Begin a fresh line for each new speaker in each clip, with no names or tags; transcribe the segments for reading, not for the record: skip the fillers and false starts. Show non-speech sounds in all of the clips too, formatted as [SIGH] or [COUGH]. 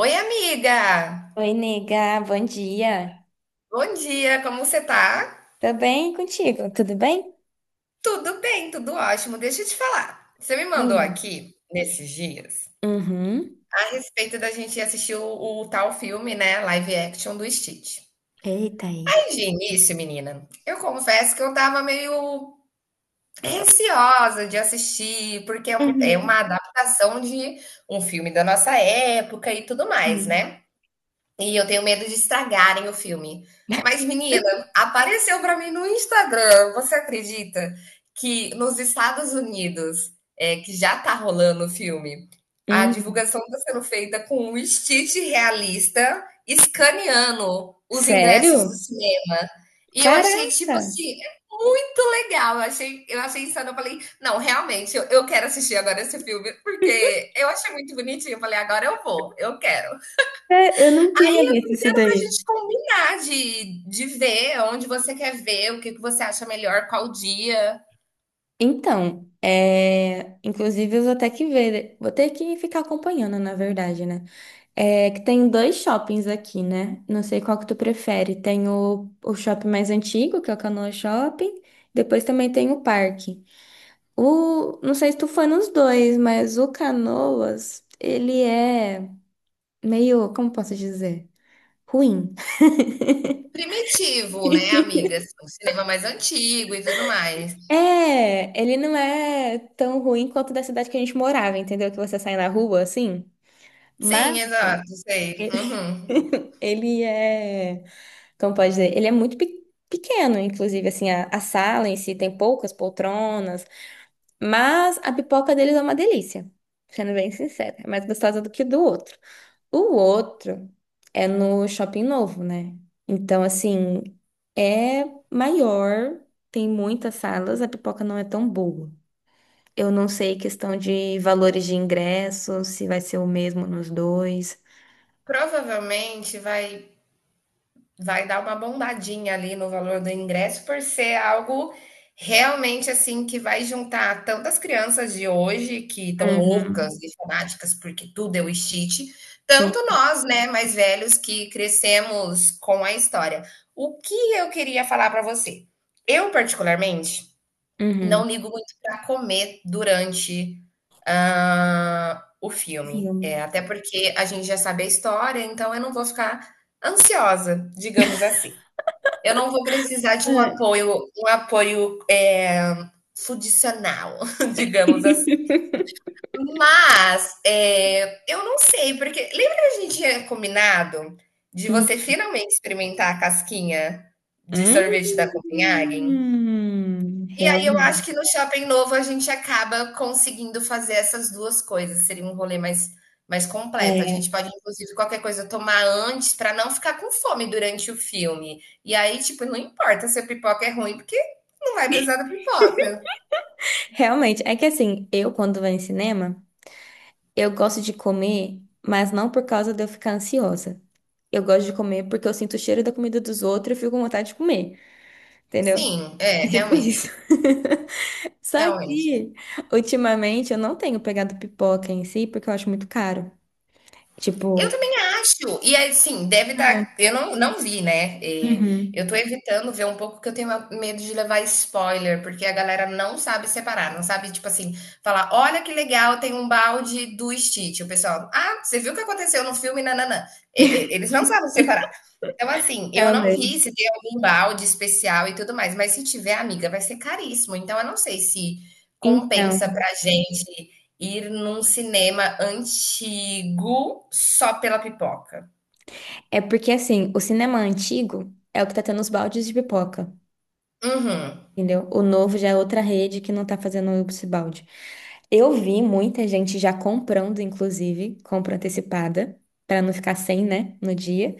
Oi, amiga!
Oi, nega, bom dia.
Bom dia, como você tá?
Tô bem e contigo, tudo bem?
Tudo bem, tudo ótimo. Deixa eu te falar. Você me mandou
Hum.
aqui, nesses dias,
Uhum.
a respeito da gente assistir o tal filme, né? Live action do Stitch.
Eita aí.
Aí, de início, menina, eu confesso que eu tava meio receosa de assistir, porque é é
Uhum,
uma adaptação de um filme da nossa época e tudo mais,
sim.
né? E eu tenho medo de estragarem o filme. Mas, menina, apareceu para mim no Instagram. Você acredita que nos Estados Unidos, que já tá rolando o filme, a
Hum.
divulgação está sendo feita com um Stitch realista escaneando os ingressos do
Sério?
cinema. E eu achei, tipo
Caraca!
assim, é muito legal. Eu achei insano. Eu falei, não, realmente, eu quero assistir agora esse filme, porque eu achei muito bonitinho. Eu falei, agora eu vou, eu quero
É, eu não tinha visto isso
inteiro para a
daí.
gente combinar de ver onde você quer ver, o que, que você acha melhor, qual dia.
Então, inclusive eu vou ter que ver, vou ter que ficar acompanhando, na verdade, né? É que tem dois shoppings aqui, né? Não sei qual que tu prefere. Tem o shopping mais antigo, que é o Canoa Shopping, depois também tem o parque. Não sei se tu foi nos dois, mas o Canoas, ele é meio, como posso dizer? Ruim.
Primitivo, né,
[LAUGHS]
amiga? Assim, o cinema mais antigo e tudo mais.
É, ele não é tão ruim quanto da cidade que a gente morava, entendeu? Que você sai na rua, assim. Mas
Sim, exato, sei. Uhum.
[LAUGHS] ele é, como pode dizer? Ele é muito pequeno, inclusive, assim, a sala em si tem poucas poltronas. Mas a pipoca deles é uma delícia, sendo bem sincera. É mais gostosa do que do outro. O outro é no Shopping Novo, né? Então, assim, é maior, tem muitas salas, a pipoca não é tão boa. Eu não sei questão de valores de ingresso, se vai ser o mesmo nos dois.
Provavelmente vai dar uma bombadinha ali no valor do ingresso por ser algo realmente assim que vai juntar tantas crianças de hoje que estão loucas
Uhum.
e fanáticas porque tudo é o Stitch, tanto
Sim.
nós, né, mais velhos que crescemos com a história. O que eu queria falar para você? Eu particularmente
Uhum.
não ligo muito para comer durante, o filme.
Filme.
É, até porque a gente já sabe a história, então eu não vou ficar ansiosa, digamos assim. Eu não vou precisar de
É.
um apoio, fundicional, [LAUGHS] digamos assim.
[LAUGHS]
Mas, eu não sei, porque lembra que a gente tinha combinado de
Hum.
você finalmente experimentar a casquinha de sorvete da Copenhagen?
Hum.
E aí eu acho que
Realmente.
no shopping novo a gente acaba conseguindo fazer essas 2 coisas, seria um rolê mais completo. A gente
É.
pode inclusive qualquer coisa tomar antes para não ficar com fome durante o filme. E aí, tipo, não importa se a pipoca é ruim, porque não vai precisar da pipoca.
Realmente, é que assim, eu quando vou em cinema, eu gosto de comer, mas não por causa de eu ficar ansiosa. Eu gosto de comer porque eu sinto o cheiro da comida dos outros e fico com vontade de comer, entendeu?
Sim, é,
É tipo isso. [LAUGHS] Só
realmente.
que, ultimamente, eu não tenho pegado pipoca em si porque eu acho muito caro.
Eu
Tipo,
também acho. E assim, deve
é,
estar. Eu não, não vi, né? É,
uhum,
eu tô evitando ver um pouco porque eu tenho medo de levar spoiler, porque a galera não sabe separar, não sabe, tipo assim, falar: olha que legal, tem um balde do Stitch. O pessoal, ah, você viu o que aconteceu no filme? Nananã. É, eles não sabem separar. Então, assim, eu não vi
realmente.
se tem algum balde especial e tudo mais, mas se tiver, amiga, vai ser caríssimo. Então, eu não sei se
Então,
compensa pra gente ir num cinema antigo só pela pipoca.
é porque assim, o cinema antigo é o que tá tendo os baldes de pipoca,
Uhum.
entendeu? O novo já é outra rede que não tá fazendo esse balde. Eu vi muita gente já comprando, inclusive, compra antecipada, pra não ficar sem, né, no dia.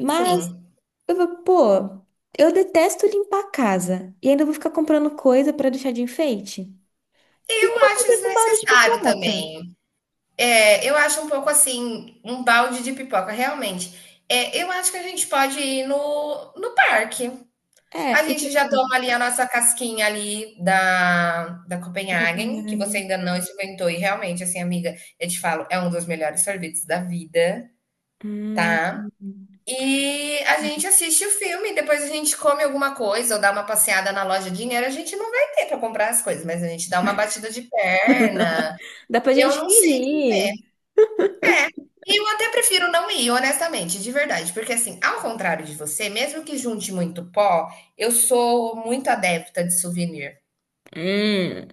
Mas
Sim.
eu falo, pô, eu detesto limpar a casa e ainda vou ficar comprando coisa pra deixar de enfeite. O que que
Eu
eu vou
acho
fazer com um balde de
desnecessário
pipoca?
também. É, eu acho um pouco assim, um balde de pipoca, realmente. É, eu acho que a gente pode ir no parque.
É,
A
e
gente já
tipo,
toma ali a nossa casquinha ali da
eu vou
Copenhagen, que você
ganhar.
ainda não experimentou. E realmente, assim, amiga, eu te falo, é um dos melhores sorvetes da vida,
Hum.
tá? E a gente assiste o filme, depois a gente come alguma coisa ou dá uma passeada na loja. Dinheiro a gente não vai ter para comprar as coisas, mas a gente dá uma batida de perna.
Dá pra
Eu
gente
não sei.
fingir.
É. E eu até prefiro não ir, honestamente, de verdade. Porque, assim, ao contrário de você, mesmo que junte muito pó, eu sou muito adepta de souvenir.
Hum.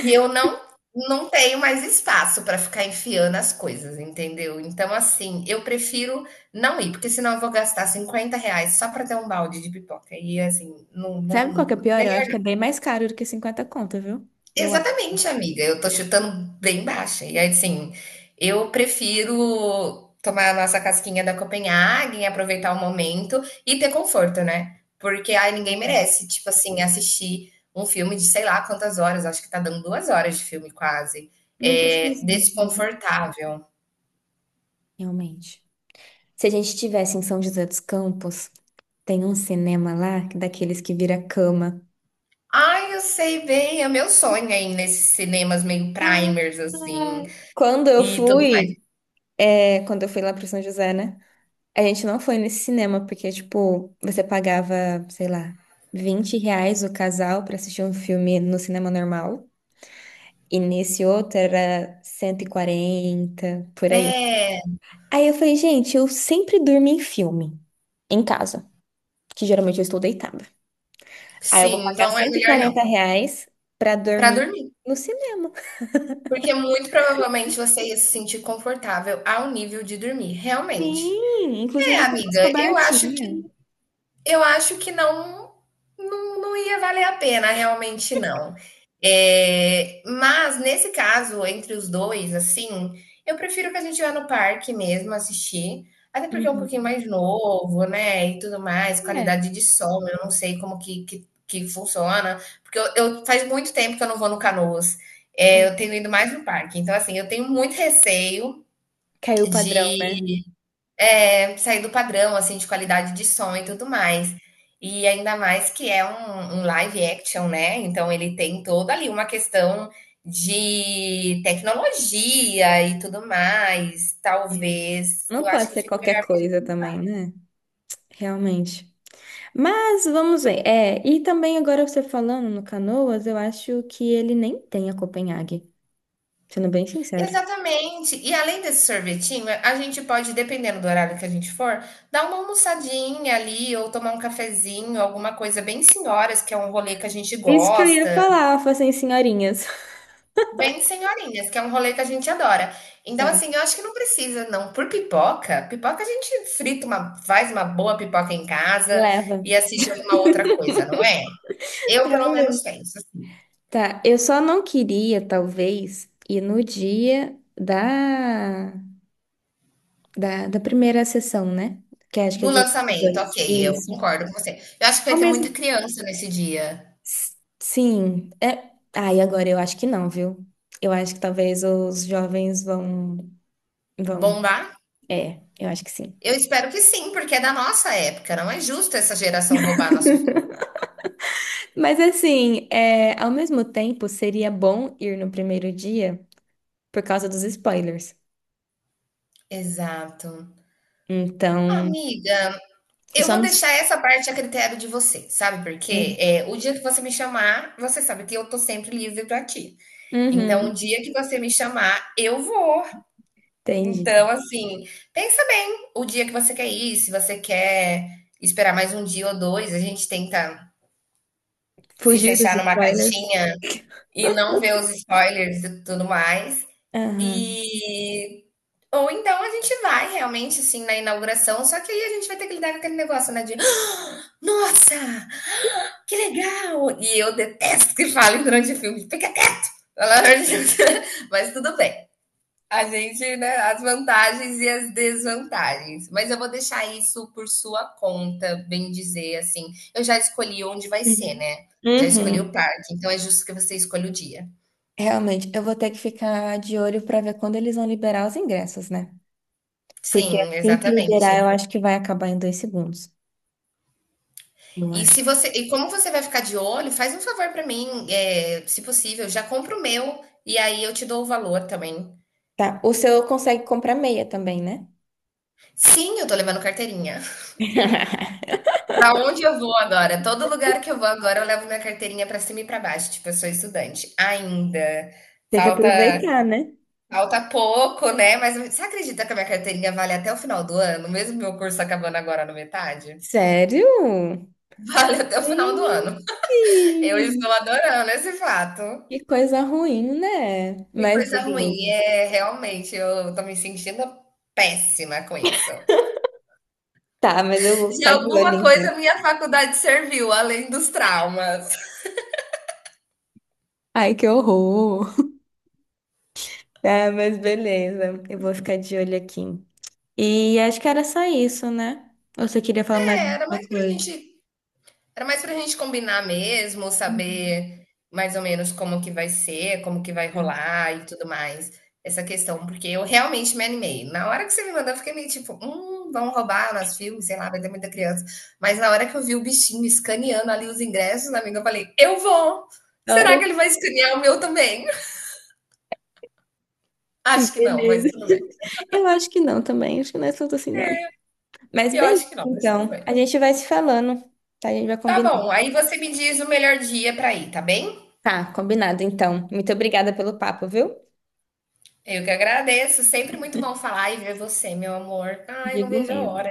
E eu não tenho mais espaço para ficar enfiando as coisas, entendeu? Então, assim, eu prefiro não ir, porque senão eu vou gastar 50 reais só para ter um balde de pipoca. E, assim, não,
Sabe qual que é o
não-
pior? Eu acho que é bem mais caro do que 50 conto, viu? Eu acho.
Exatamente, amiga. Eu tô chutando bem baixa. E aí, assim, eu prefiro tomar a nossa casquinha da Copenhagen, aproveitar o momento e ter conforto, né? Porque aí ninguém merece, tipo assim, assistir um filme de sei lá quantas horas, acho que tá dando 2 horas de filme quase.
Não
É
pesquisei sobre.
desconfortável.
Realmente. Se a gente estivesse em São José dos Campos, tem um cinema lá, daqueles que vira cama.
Ai, eu sei bem, é meu sonho aí nesses cinemas meio primers, assim,
Quando eu
e tudo
fui,
mais.
É, quando eu fui lá pro São José, né? A gente não foi nesse cinema, porque, tipo, você pagava, sei lá, R$ 20 o casal pra assistir um filme no cinema normal. E nesse outro era 140 por aí.
É,
Aí eu falei, gente, eu sempre durmo em filme, em casa, que geralmente eu estou deitada. Aí eu vou
sim,
pagar
então é
cento e
melhor
quarenta
não.
reais pra
Pra
dormir
dormir.
no cinema.
Porque muito provavelmente você ia se sentir confortável ao nível de dormir, realmente.
Sim,
É,
inclusive tem umas
amiga,
cobertinhas.
eu acho que não, não ia valer a pena, realmente não. É, mas nesse caso, entre os dois, assim, eu prefiro que a gente vá no parque mesmo assistir, até porque é um pouquinho
Uhum.
mais novo, né? E tudo mais, qualidade
É.
de som, eu não sei como que funciona, porque faz muito tempo que eu não vou no Canoas. É, eu
Hum.
tenho ido mais no parque, então assim, eu tenho muito receio
Caiu o padrão, né?
de sair do padrão, assim, de qualidade de som e tudo mais. E ainda mais que é um live action, né? Então ele tem toda ali uma questão de tecnologia e tudo mais. Talvez eu
Não
acho
pode
que
ser
fique
qualquer
melhor pra
coisa
gente.
também, né? Realmente. Mas vamos ver. É, e também agora você falando no Canoas, eu acho que ele nem tem a Copenhague, sendo bem sincero.
Exatamente. E além desse sorvetinho, a gente pode, dependendo do horário que a gente for, dar uma almoçadinha ali, ou tomar um cafezinho, alguma coisa bem senhoras, que é um rolê que a gente
Isso que eu ia
gosta.
falar, eu falei assim, senhorinhas. [LAUGHS]
Bem senhorinhas, que é um rolê que a gente adora. Então,
Tá,
assim, eu acho que não precisa, não. Por pipoca, pipoca a gente frita uma, faz uma boa pipoca em casa
leva.
e assiste alguma outra coisa, não é? Eu, pelo menos,
Realmente.
penso assim.
Tá, eu só não queria, talvez, ir no dia da primeira sessão, né? Que acho que é
Do
dia
lançamento,
22.
ok, eu
Isso.
concordo com você. Eu acho que vai ter
Começo
muita criança nesse dia.
Sim, é. Ai, agora eu acho que não, viu? Eu acho que talvez os jovens vão, vão.
Bombar?
É, eu acho que sim.
Eu espero que sim, porque é da nossa época. Não é justo essa geração roubar nosso filme.
[LAUGHS] Mas assim, é, ao mesmo tempo, seria bom ir no primeiro dia por causa dos spoilers.
Exato.
Então,
Amiga,
eu
eu
só
vou
não.
deixar essa parte a critério de você, sabe? Porque
Uhum,
é, o dia que você me chamar, você sabe que eu tô sempre livre pra ti. Então, o
uhum,
dia que você me chamar, eu vou.
entendi.
Então, assim, pensa bem o dia que você quer ir, se você quer esperar mais um dia ou dois, a gente tenta se
Fugir dos
fechar numa
spoilers.
caixinha e não ver os spoilers e tudo mais.
Aham.
E ou então a gente vai realmente assim na inauguração, só que aí a gente vai ter que lidar com aquele negócio, né, de "Ah, nossa, que legal!" E eu detesto que falem durante o filme, fica quieto, pelo amor de Deus. [LAUGHS] Mas tudo bem. A gente, né, as vantagens e as desvantagens. Mas eu vou deixar isso por sua conta, bem dizer, assim. Eu já escolhi onde vai ser,
Uhum.
né? Já escolhi o
Uhum.
parque, então é justo que você escolha o dia.
Realmente, eu vou ter que ficar de olho pra ver quando eles vão liberar os ingressos, né? Porque
Sim,
assim que liberar,
exatamente.
eu acho que vai acabar em dois segundos. Eu
E
acho.
se você, e como você vai ficar de olho, faz um favor para mim, é, se possível, já compra o meu e aí eu te dou o valor também.
Tá, o seu consegue comprar meia também, né?
Sim, eu tô levando carteirinha.
[LAUGHS]
Pra onde eu vou agora? Todo lugar que eu vou agora, eu levo minha carteirinha pra cima e pra baixo. Tipo, eu sou estudante ainda.
Tem que
Falta
aproveitar, né?
falta pouco, né? Mas você acredita que a minha carteirinha vale até o final do ano, mesmo meu curso acabando agora na metade?
Sério?
[LAUGHS] Vale até o final do ano.
Gente,
Eu estou adorando esse fato.
que coisa ruim, né?
Que
Mas
coisa ruim.
beleza.
É, realmente, eu tô me sentindo péssima com isso.
Tá, mas eu vou
De
ficar de olho
alguma
então.
coisa, minha faculdade serviu, além dos traumas.
Ai, que horror. Tá, mas beleza. Eu vou ficar de olho aqui. E acho que era só isso, né? Ou você queria falar mais
É, era
alguma
mais pra
coisa?
gente Era mais pra gente combinar mesmo,
Uhum.
saber mais ou menos como que vai ser, como que vai
Tá.
rolar e tudo mais. Essa questão, porque eu realmente me animei. Na hora que você me mandou, eu fiquei meio tipo, vão roubar nosso filme, sei lá, vai ter muita criança. Mas na hora que eu vi o bichinho escaneando ali os ingressos, amiga, eu falei, eu vou! Será
Hora?
que ele vai escanear o meu também? [LAUGHS] Acho que não, mas
Beleza.
tudo bem.
[LAUGHS] Eu acho que não também. Acho que não é tanto assim, não. Mas
Eu
beleza,
acho que não, mas tudo
então.
bem.
A gente vai se falando, tá? A gente vai
Tá
combinando.
bom, aí você me diz o melhor dia pra ir, tá bem?
Tá, combinado, então. Muito obrigada pelo papo, viu?
Eu que agradeço. Sempre muito bom falar e ver você, meu amor. Ai, não
Digo
vejo a
mesmo.
hora.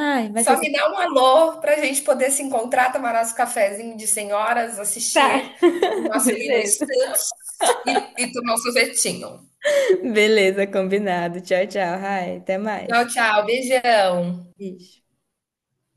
Ai, vai ser
Só me
sempre.
dá um alô para a gente poder se encontrar, tomar nosso cafezinho de senhoras, assistir
Tá.
o
[LAUGHS]
nosso Lino
Beleza.
Stutz e tomar um sorvetinho.
Beleza, combinado. Tchau, tchau. Ai, até
Tchau,
mais.
tchau. Beijão.
Beijo.